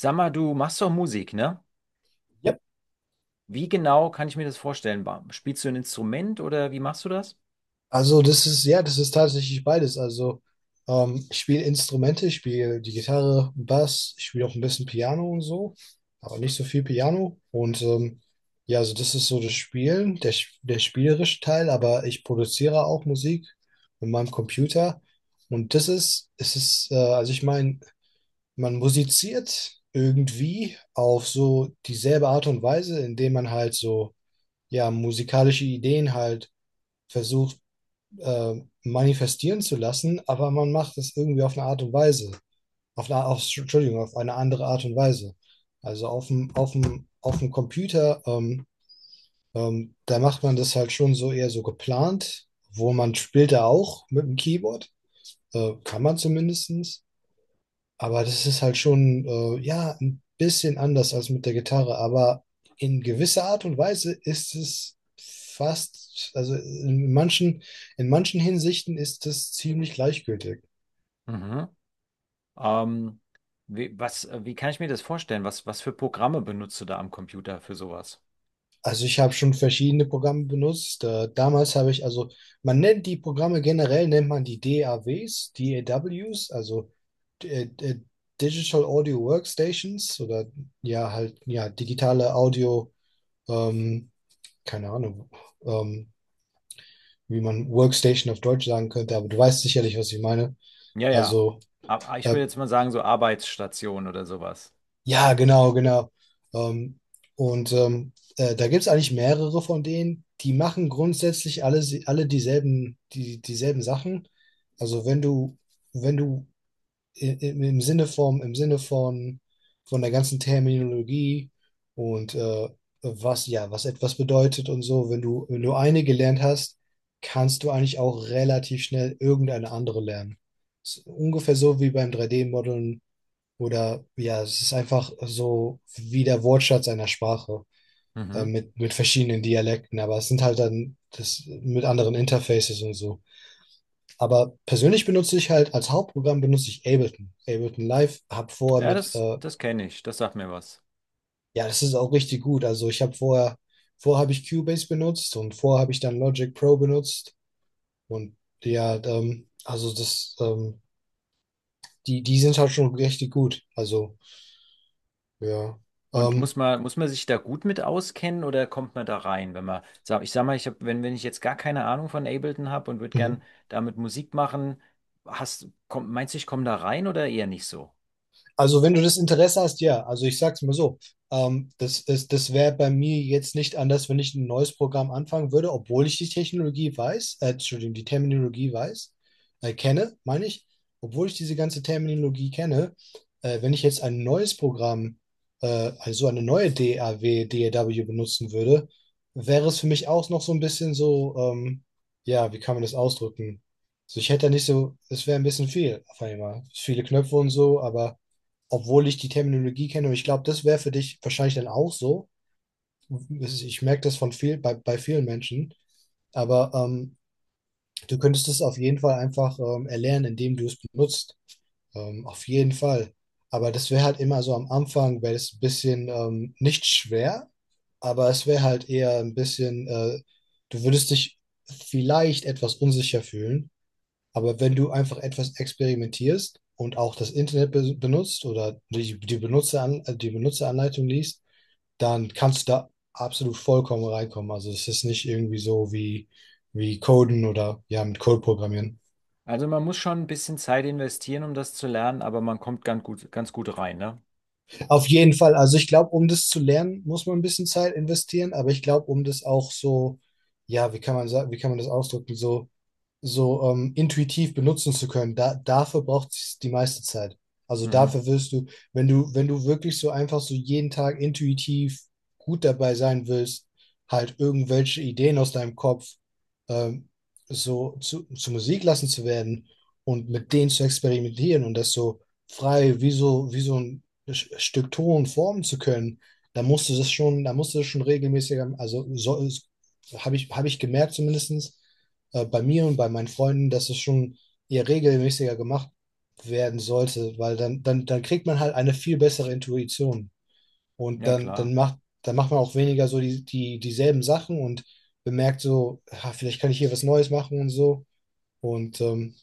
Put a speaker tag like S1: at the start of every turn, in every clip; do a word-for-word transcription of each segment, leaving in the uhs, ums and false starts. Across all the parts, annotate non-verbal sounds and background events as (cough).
S1: Sag mal, du machst doch Musik, ne?
S2: Ja,
S1: Wie genau kann ich mir das vorstellen? Ba- Spielst du ein Instrument oder wie machst du das?
S2: also das ist, ja, das ist tatsächlich beides. Also ähm, ich spiele Instrumente, ich spiele die Gitarre, Bass, ich spiele auch ein bisschen Piano und so, aber nicht so viel Piano. Und ähm, ja, also das ist so das Spielen, der, sch- der spielerische Teil, aber ich produziere auch Musik mit meinem Computer. Und das ist, es ist, äh, also ich meine, man musiziert irgendwie auf so dieselbe Art und Weise, indem man halt so, ja, musikalische Ideen halt versucht äh, manifestieren zu lassen, aber man macht es irgendwie auf eine Art und Weise. Auf eine, auf, Entschuldigung, auf eine andere Art und Weise. Also auf dem, auf dem, auf dem Computer, ähm, ähm, da macht man das halt schon so eher so geplant, wo man spielt da auch mit dem Keyboard, äh, kann man zumindestens. Aber das ist halt schon, äh, ja, ein bisschen anders als mit der Gitarre, aber in gewisser Art und Weise ist es fast, also in manchen, in manchen Hinsichten ist es ziemlich gleichgültig.
S1: Mhm. Ähm, wie, was, äh, Wie kann ich mir das vorstellen? Was, was für Programme benutzt du da am Computer für sowas?
S2: Also ich habe schon verschiedene Programme benutzt. Äh, damals habe ich, also man nennt die Programme generell, nennt man die D A Ws, DAWs, also äh, äh, Digital Audio Workstations oder ja halt, ja, digitale Audio, ähm, keine Ahnung, ähm, wie man Workstation auf Deutsch sagen könnte, aber du weißt sicherlich, was ich meine.
S1: Ja, ja.
S2: Also,
S1: Aber ich
S2: äh,
S1: würde jetzt mal sagen, so Arbeitsstation oder sowas.
S2: ja, genau, genau. Ähm, und ähm, äh, Da gibt es eigentlich mehrere von denen, die machen grundsätzlich alle, alle dieselben, die, dieselben Sachen. Also wenn du, wenn du i- im, im Sinne von, im Sinne von, von der ganzen Terminologie und äh, was, ja, was etwas bedeutet und so, wenn du, wenn du eine gelernt hast, kannst du eigentlich auch relativ schnell irgendeine andere lernen. Ist ungefähr so wie beim drei D-Modeln oder ja, es ist einfach so wie der Wortschatz einer Sprache äh,
S1: Mhm.
S2: mit, mit verschiedenen Dialekten, aber es sind halt dann das mit anderen Interfaces und so. Aber persönlich benutze ich halt, als Hauptprogramm benutze ich Ableton. Ableton Live, habe vorher
S1: Ja,
S2: mit,
S1: das,
S2: äh,
S1: das kenne ich. Das sagt mir was.
S2: Ja, das ist auch richtig gut. Also ich habe vorher, vorher habe ich Cubase benutzt und vorher habe ich dann Logic Pro benutzt. Und ja, ähm, also das, ähm, die, die sind halt schon richtig gut. Also, ja.
S1: Und muss
S2: Ähm,
S1: man, muss man sich da gut mit auskennen oder kommt man da rein, wenn man, sag- ich sag mal, ich hab, wenn, wenn ich jetzt gar keine Ahnung von Ableton habe und würde gern
S2: mhm.
S1: damit Musik machen, hast, komm, meinst du, ich komme da rein oder eher nicht so?
S2: Also wenn du das Interesse hast, ja. Also ich sag's mal so, ähm, das, das, das wäre bei mir jetzt nicht anders, wenn ich ein neues Programm anfangen würde, obwohl ich die Technologie weiß, äh, Entschuldigung, die Terminologie weiß, äh, kenne, meine ich, obwohl ich diese ganze Terminologie kenne, äh, wenn ich jetzt ein neues Programm, äh, also eine neue D A W, DAW benutzen würde, wäre es für mich auch noch so ein bisschen so, ähm, ja, wie kann man das ausdrücken? Also ich hätte da nicht so, es wäre ein bisschen viel auf einmal. Viele Knöpfe und so, aber obwohl ich die Terminologie kenne. Und ich glaube, das wäre für dich wahrscheinlich dann auch so. Ich merke das von viel, bei, bei vielen Menschen. Aber ähm, du könntest es auf jeden Fall einfach ähm, erlernen, indem du es benutzt. Ähm, auf jeden Fall. Aber das wäre halt immer so am Anfang, wäre es ein bisschen ähm, nicht schwer, aber es wäre halt eher ein bisschen, äh, du würdest dich vielleicht etwas unsicher fühlen. Aber wenn du einfach etwas experimentierst und auch das Internet be benutzt oder die, die, Benutzeran die Benutzeranleitung liest, dann kannst du da absolut vollkommen reinkommen. Also es ist nicht irgendwie so wie, wie Coden oder ja, mit Code programmieren.
S1: Also man muss schon ein bisschen Zeit investieren, um das zu lernen, aber man kommt ganz gut, ganz gut rein, ne?
S2: Auf jeden Fall, also ich glaube, um das zu lernen, muss man ein bisschen Zeit investieren, aber ich glaube, um das auch so, ja, wie kann man sagen, wie kann man das ausdrücken, so so ähm, intuitiv benutzen zu können, da, dafür braucht es die meiste Zeit. Also
S1: Mhm.
S2: dafür wirst du, wenn du, wenn du wirklich so einfach so jeden Tag intuitiv gut dabei sein willst, halt irgendwelche Ideen aus deinem Kopf ähm, so zu, zu Musik lassen zu werden und mit denen zu experimentieren und das so frei wie so, wie so ein Sch- Stück Ton formen zu können, da musst du das schon, da musst du das schon regelmäßig, also so, habe ich, habe ich gemerkt zumindestens äh, bei mir und bei meinen Freunden, dass es schon eher regelmäßiger gemacht werden sollte, weil dann, dann, dann kriegt man halt eine viel bessere Intuition. Und
S1: Ja,
S2: dann,
S1: klar.
S2: dann macht, dann macht man auch weniger so die, die, dieselben Sachen und bemerkt so, ha, vielleicht kann ich hier was Neues machen und so. Und ähm,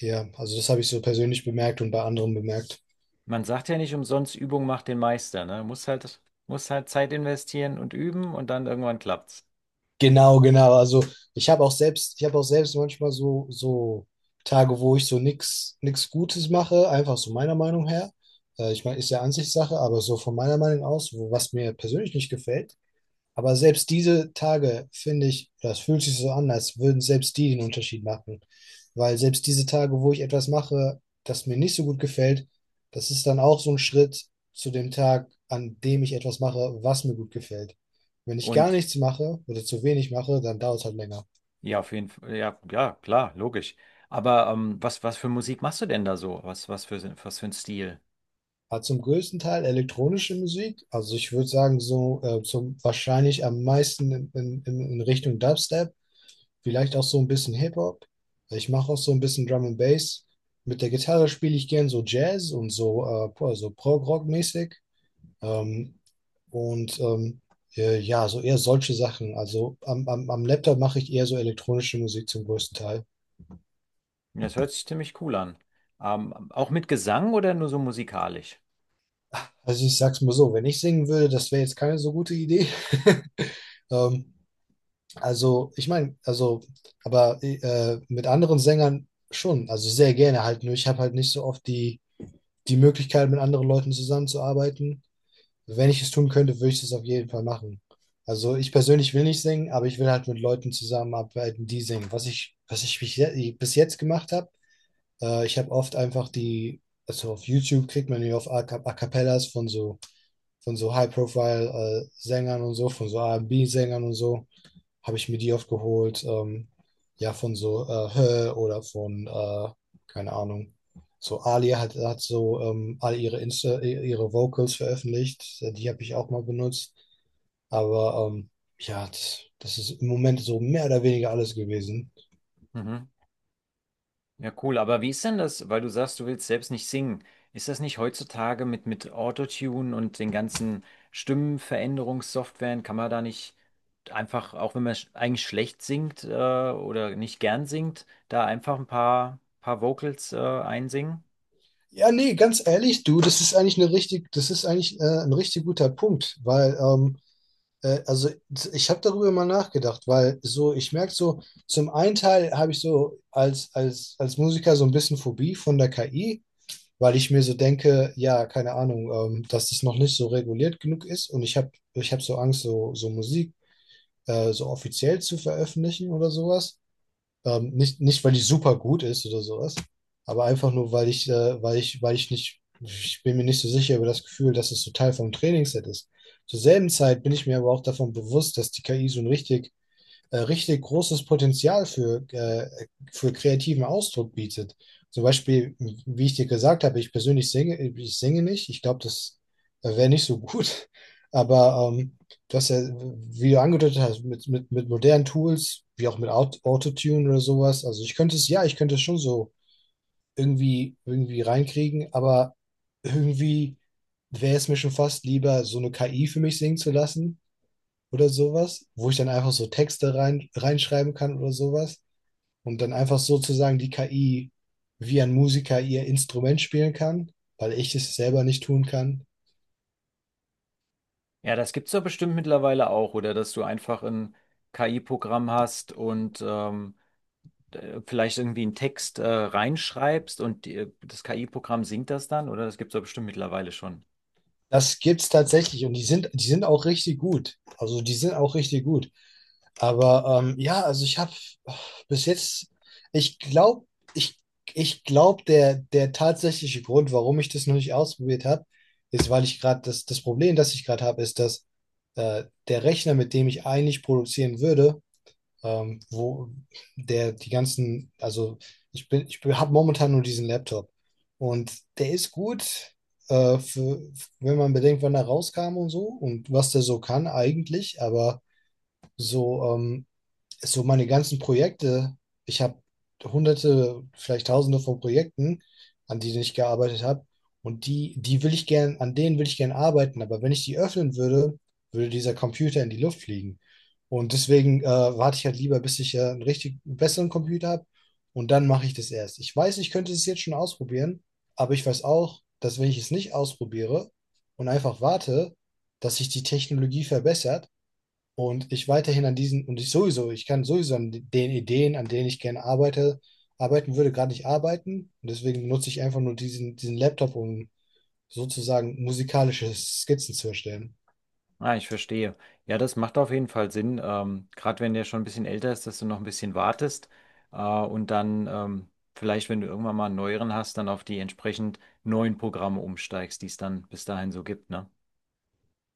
S2: ja, also das habe ich so persönlich bemerkt und bei anderen bemerkt.
S1: Man sagt ja nicht umsonst, Übung macht den Meister, ne? Muss halt, muss halt Zeit investieren und üben und dann irgendwann klappt's.
S2: Genau, genau. Also ich habe auch selbst, ich habe auch selbst manchmal so, so Tage, wo ich so nix, nix Gutes mache, einfach so meiner Meinung her. Äh, ich meine, ist ja Ansichtssache, aber so von meiner Meinung aus, wo, was mir persönlich nicht gefällt, aber selbst diese Tage, finde ich, das fühlt sich so an, als würden selbst die den Unterschied machen. Weil selbst diese Tage, wo ich etwas mache, das mir nicht so gut gefällt, das ist dann auch so ein Schritt zu dem Tag, an dem ich etwas mache, was mir gut gefällt. Wenn ich gar
S1: Und
S2: nichts mache oder zu wenig mache, dann dauert es halt länger.
S1: ja, auf jeden Fall. Ja, ja, klar, logisch. Aber ähm, was, was für Musik machst du denn da so? Was, was für, was für ein Stil?
S2: Hat zum größten Teil elektronische Musik, also ich würde sagen, so äh, zum wahrscheinlich am meisten in, in, in Richtung Dubstep, vielleicht auch so ein bisschen Hip-Hop. Ich mache auch so ein bisschen Drum and Bass. Mit der Gitarre spiele ich gern so Jazz und so, äh, po- so Prog-Rock-mäßig. Ähm, und ähm, äh, ja, so eher solche Sachen. Also am, am, am Laptop mache ich eher so elektronische Musik zum größten Teil.
S1: Das hört sich ziemlich cool an. Ähm, auch mit Gesang oder nur so musikalisch?
S2: Also ich sag's mal so, wenn ich singen würde, das wäre jetzt keine so gute Idee. (laughs) Ähm, also ich meine, also, aber äh, Mit anderen Sängern schon, also sehr gerne halt. Nur ich habe halt nicht so oft die, die Möglichkeit, mit anderen Leuten zusammenzuarbeiten. Also wenn ich es tun könnte, würde ich das auf jeden Fall machen. Also ich persönlich will nicht singen, aber ich will halt mit Leuten zusammenarbeiten, die singen. Was ich, was ich bis je- bis jetzt gemacht habe, äh, ich habe oft einfach die, also auf YouTube kriegt man ja auf A Cap- A Cappellas von so, von so High-Profile-Sängern und so, von so B sängern und so habe ich mir die oft geholt. Ähm, ja, von so äh, Hö oder von, äh, keine Ahnung. So Ali hat, hat so ähm, all ihre Insta, ihre Vocals veröffentlicht. äh, Die habe ich auch mal benutzt. Aber ähm, ja, das, das ist im Moment so mehr oder weniger alles gewesen.
S1: Mhm. Ja, cool. Aber wie ist denn das, weil du sagst, du willst selbst nicht singen? Ist das nicht heutzutage mit, mit Autotune und den ganzen Stimmenveränderungssoftwaren, kann man da nicht einfach, auch wenn man sch eigentlich schlecht singt äh, oder nicht gern singt, da einfach ein paar, paar Vocals äh, einsingen?
S2: Ja, nee, ganz ehrlich, du, das ist eigentlich eine richtig, das ist eigentlich äh, ein richtig guter Punkt, weil ähm, Äh, also ich habe darüber mal nachgedacht, weil so, ich merke so, zum einen Teil habe ich so als, als, als Musiker so ein bisschen Phobie von der K I, weil ich mir so denke, ja, keine Ahnung, ähm, dass das noch nicht so reguliert genug ist und ich habe ich hab so Angst, so, so Musik äh, so offiziell zu veröffentlichen oder sowas. Ähm, nicht, nicht, weil die super gut ist oder sowas, aber einfach nur, weil ich, äh, weil ich, weil ich nicht, ich bin mir nicht so sicher über das Gefühl, dass es so Teil vom Trainingsset ist. Zur selben Zeit bin ich mir aber auch davon bewusst, dass die K I so ein richtig äh, richtig großes Potenzial für, äh, für kreativen Ausdruck bietet. Zum Beispiel, wie ich dir gesagt habe, ich persönlich singe, ich singe nicht. Ich glaube, das wäre nicht so gut. (laughs) Aber ähm, du hast ja, wie du angedeutet hast, mit, mit, mit modernen Tools, wie auch mit Aut- Autotune oder sowas. Also ich könnte es, ja, ich könnte es schon so irgendwie, irgendwie reinkriegen, aber irgendwie wäre es mir schon fast lieber, so eine K I für mich singen zu lassen oder sowas, wo ich dann einfach so Texte rein, reinschreiben kann oder sowas und dann einfach sozusagen die K I wie ein Musiker ihr Instrument spielen kann, weil ich es selber nicht tun kann.
S1: Ja, das gibt's doch bestimmt mittlerweile auch, oder dass du einfach ein K I-Programm hast und ähm, d- vielleicht irgendwie einen Text äh, reinschreibst und die, äh, das K I-Programm singt das dann, oder? Das gibt's doch bestimmt mittlerweile schon.
S2: Das gibt's tatsächlich und die sind, die sind auch richtig gut. Also die sind auch richtig gut. Aber ähm, ja, also ich habe bis jetzt, ich glaube, ich, ich glaube, der, der tatsächliche Grund, warum ich das noch nicht ausprobiert habe, ist, weil ich gerade das, das Problem, das ich gerade habe, ist, dass äh, der Rechner, mit dem ich eigentlich produzieren würde, ähm, wo der die ganzen, also ich bin, ich habe momentan nur diesen Laptop und der ist gut, äh, für, wenn man bedenkt, wann er rauskam und so und was der so kann eigentlich, aber so, ähm, so meine ganzen Projekte, ich habe hunderte, vielleicht tausende von Projekten, an denen ich gearbeitet habe. Und die, die will ich gern, an denen will ich gern arbeiten. Aber wenn ich die öffnen würde, würde dieser Computer in die Luft fliegen. Und deswegen äh, warte ich halt lieber, bis ich äh, einen richtig besseren Computer habe. Und dann mache ich das erst. Ich weiß, ich könnte es jetzt schon ausprobieren, aber ich weiß auch, dass wenn ich es nicht ausprobiere und einfach warte, dass sich die Technologie verbessert, und ich weiterhin an diesen, und ich sowieso, ich kann sowieso an den Ideen, an denen ich gerne arbeite, arbeiten würde, gerade nicht arbeiten. Und deswegen nutze ich einfach nur diesen, diesen Laptop, um sozusagen musikalische Skizzen zu erstellen.
S1: Ah, ich verstehe. Ja, das macht auf jeden Fall Sinn, ähm, gerade wenn der schon ein bisschen älter ist, dass du noch ein bisschen wartest äh, und dann ähm, vielleicht, wenn du irgendwann mal einen neueren hast, dann auf die entsprechend neuen Programme umsteigst, die es dann bis dahin so gibt, ne?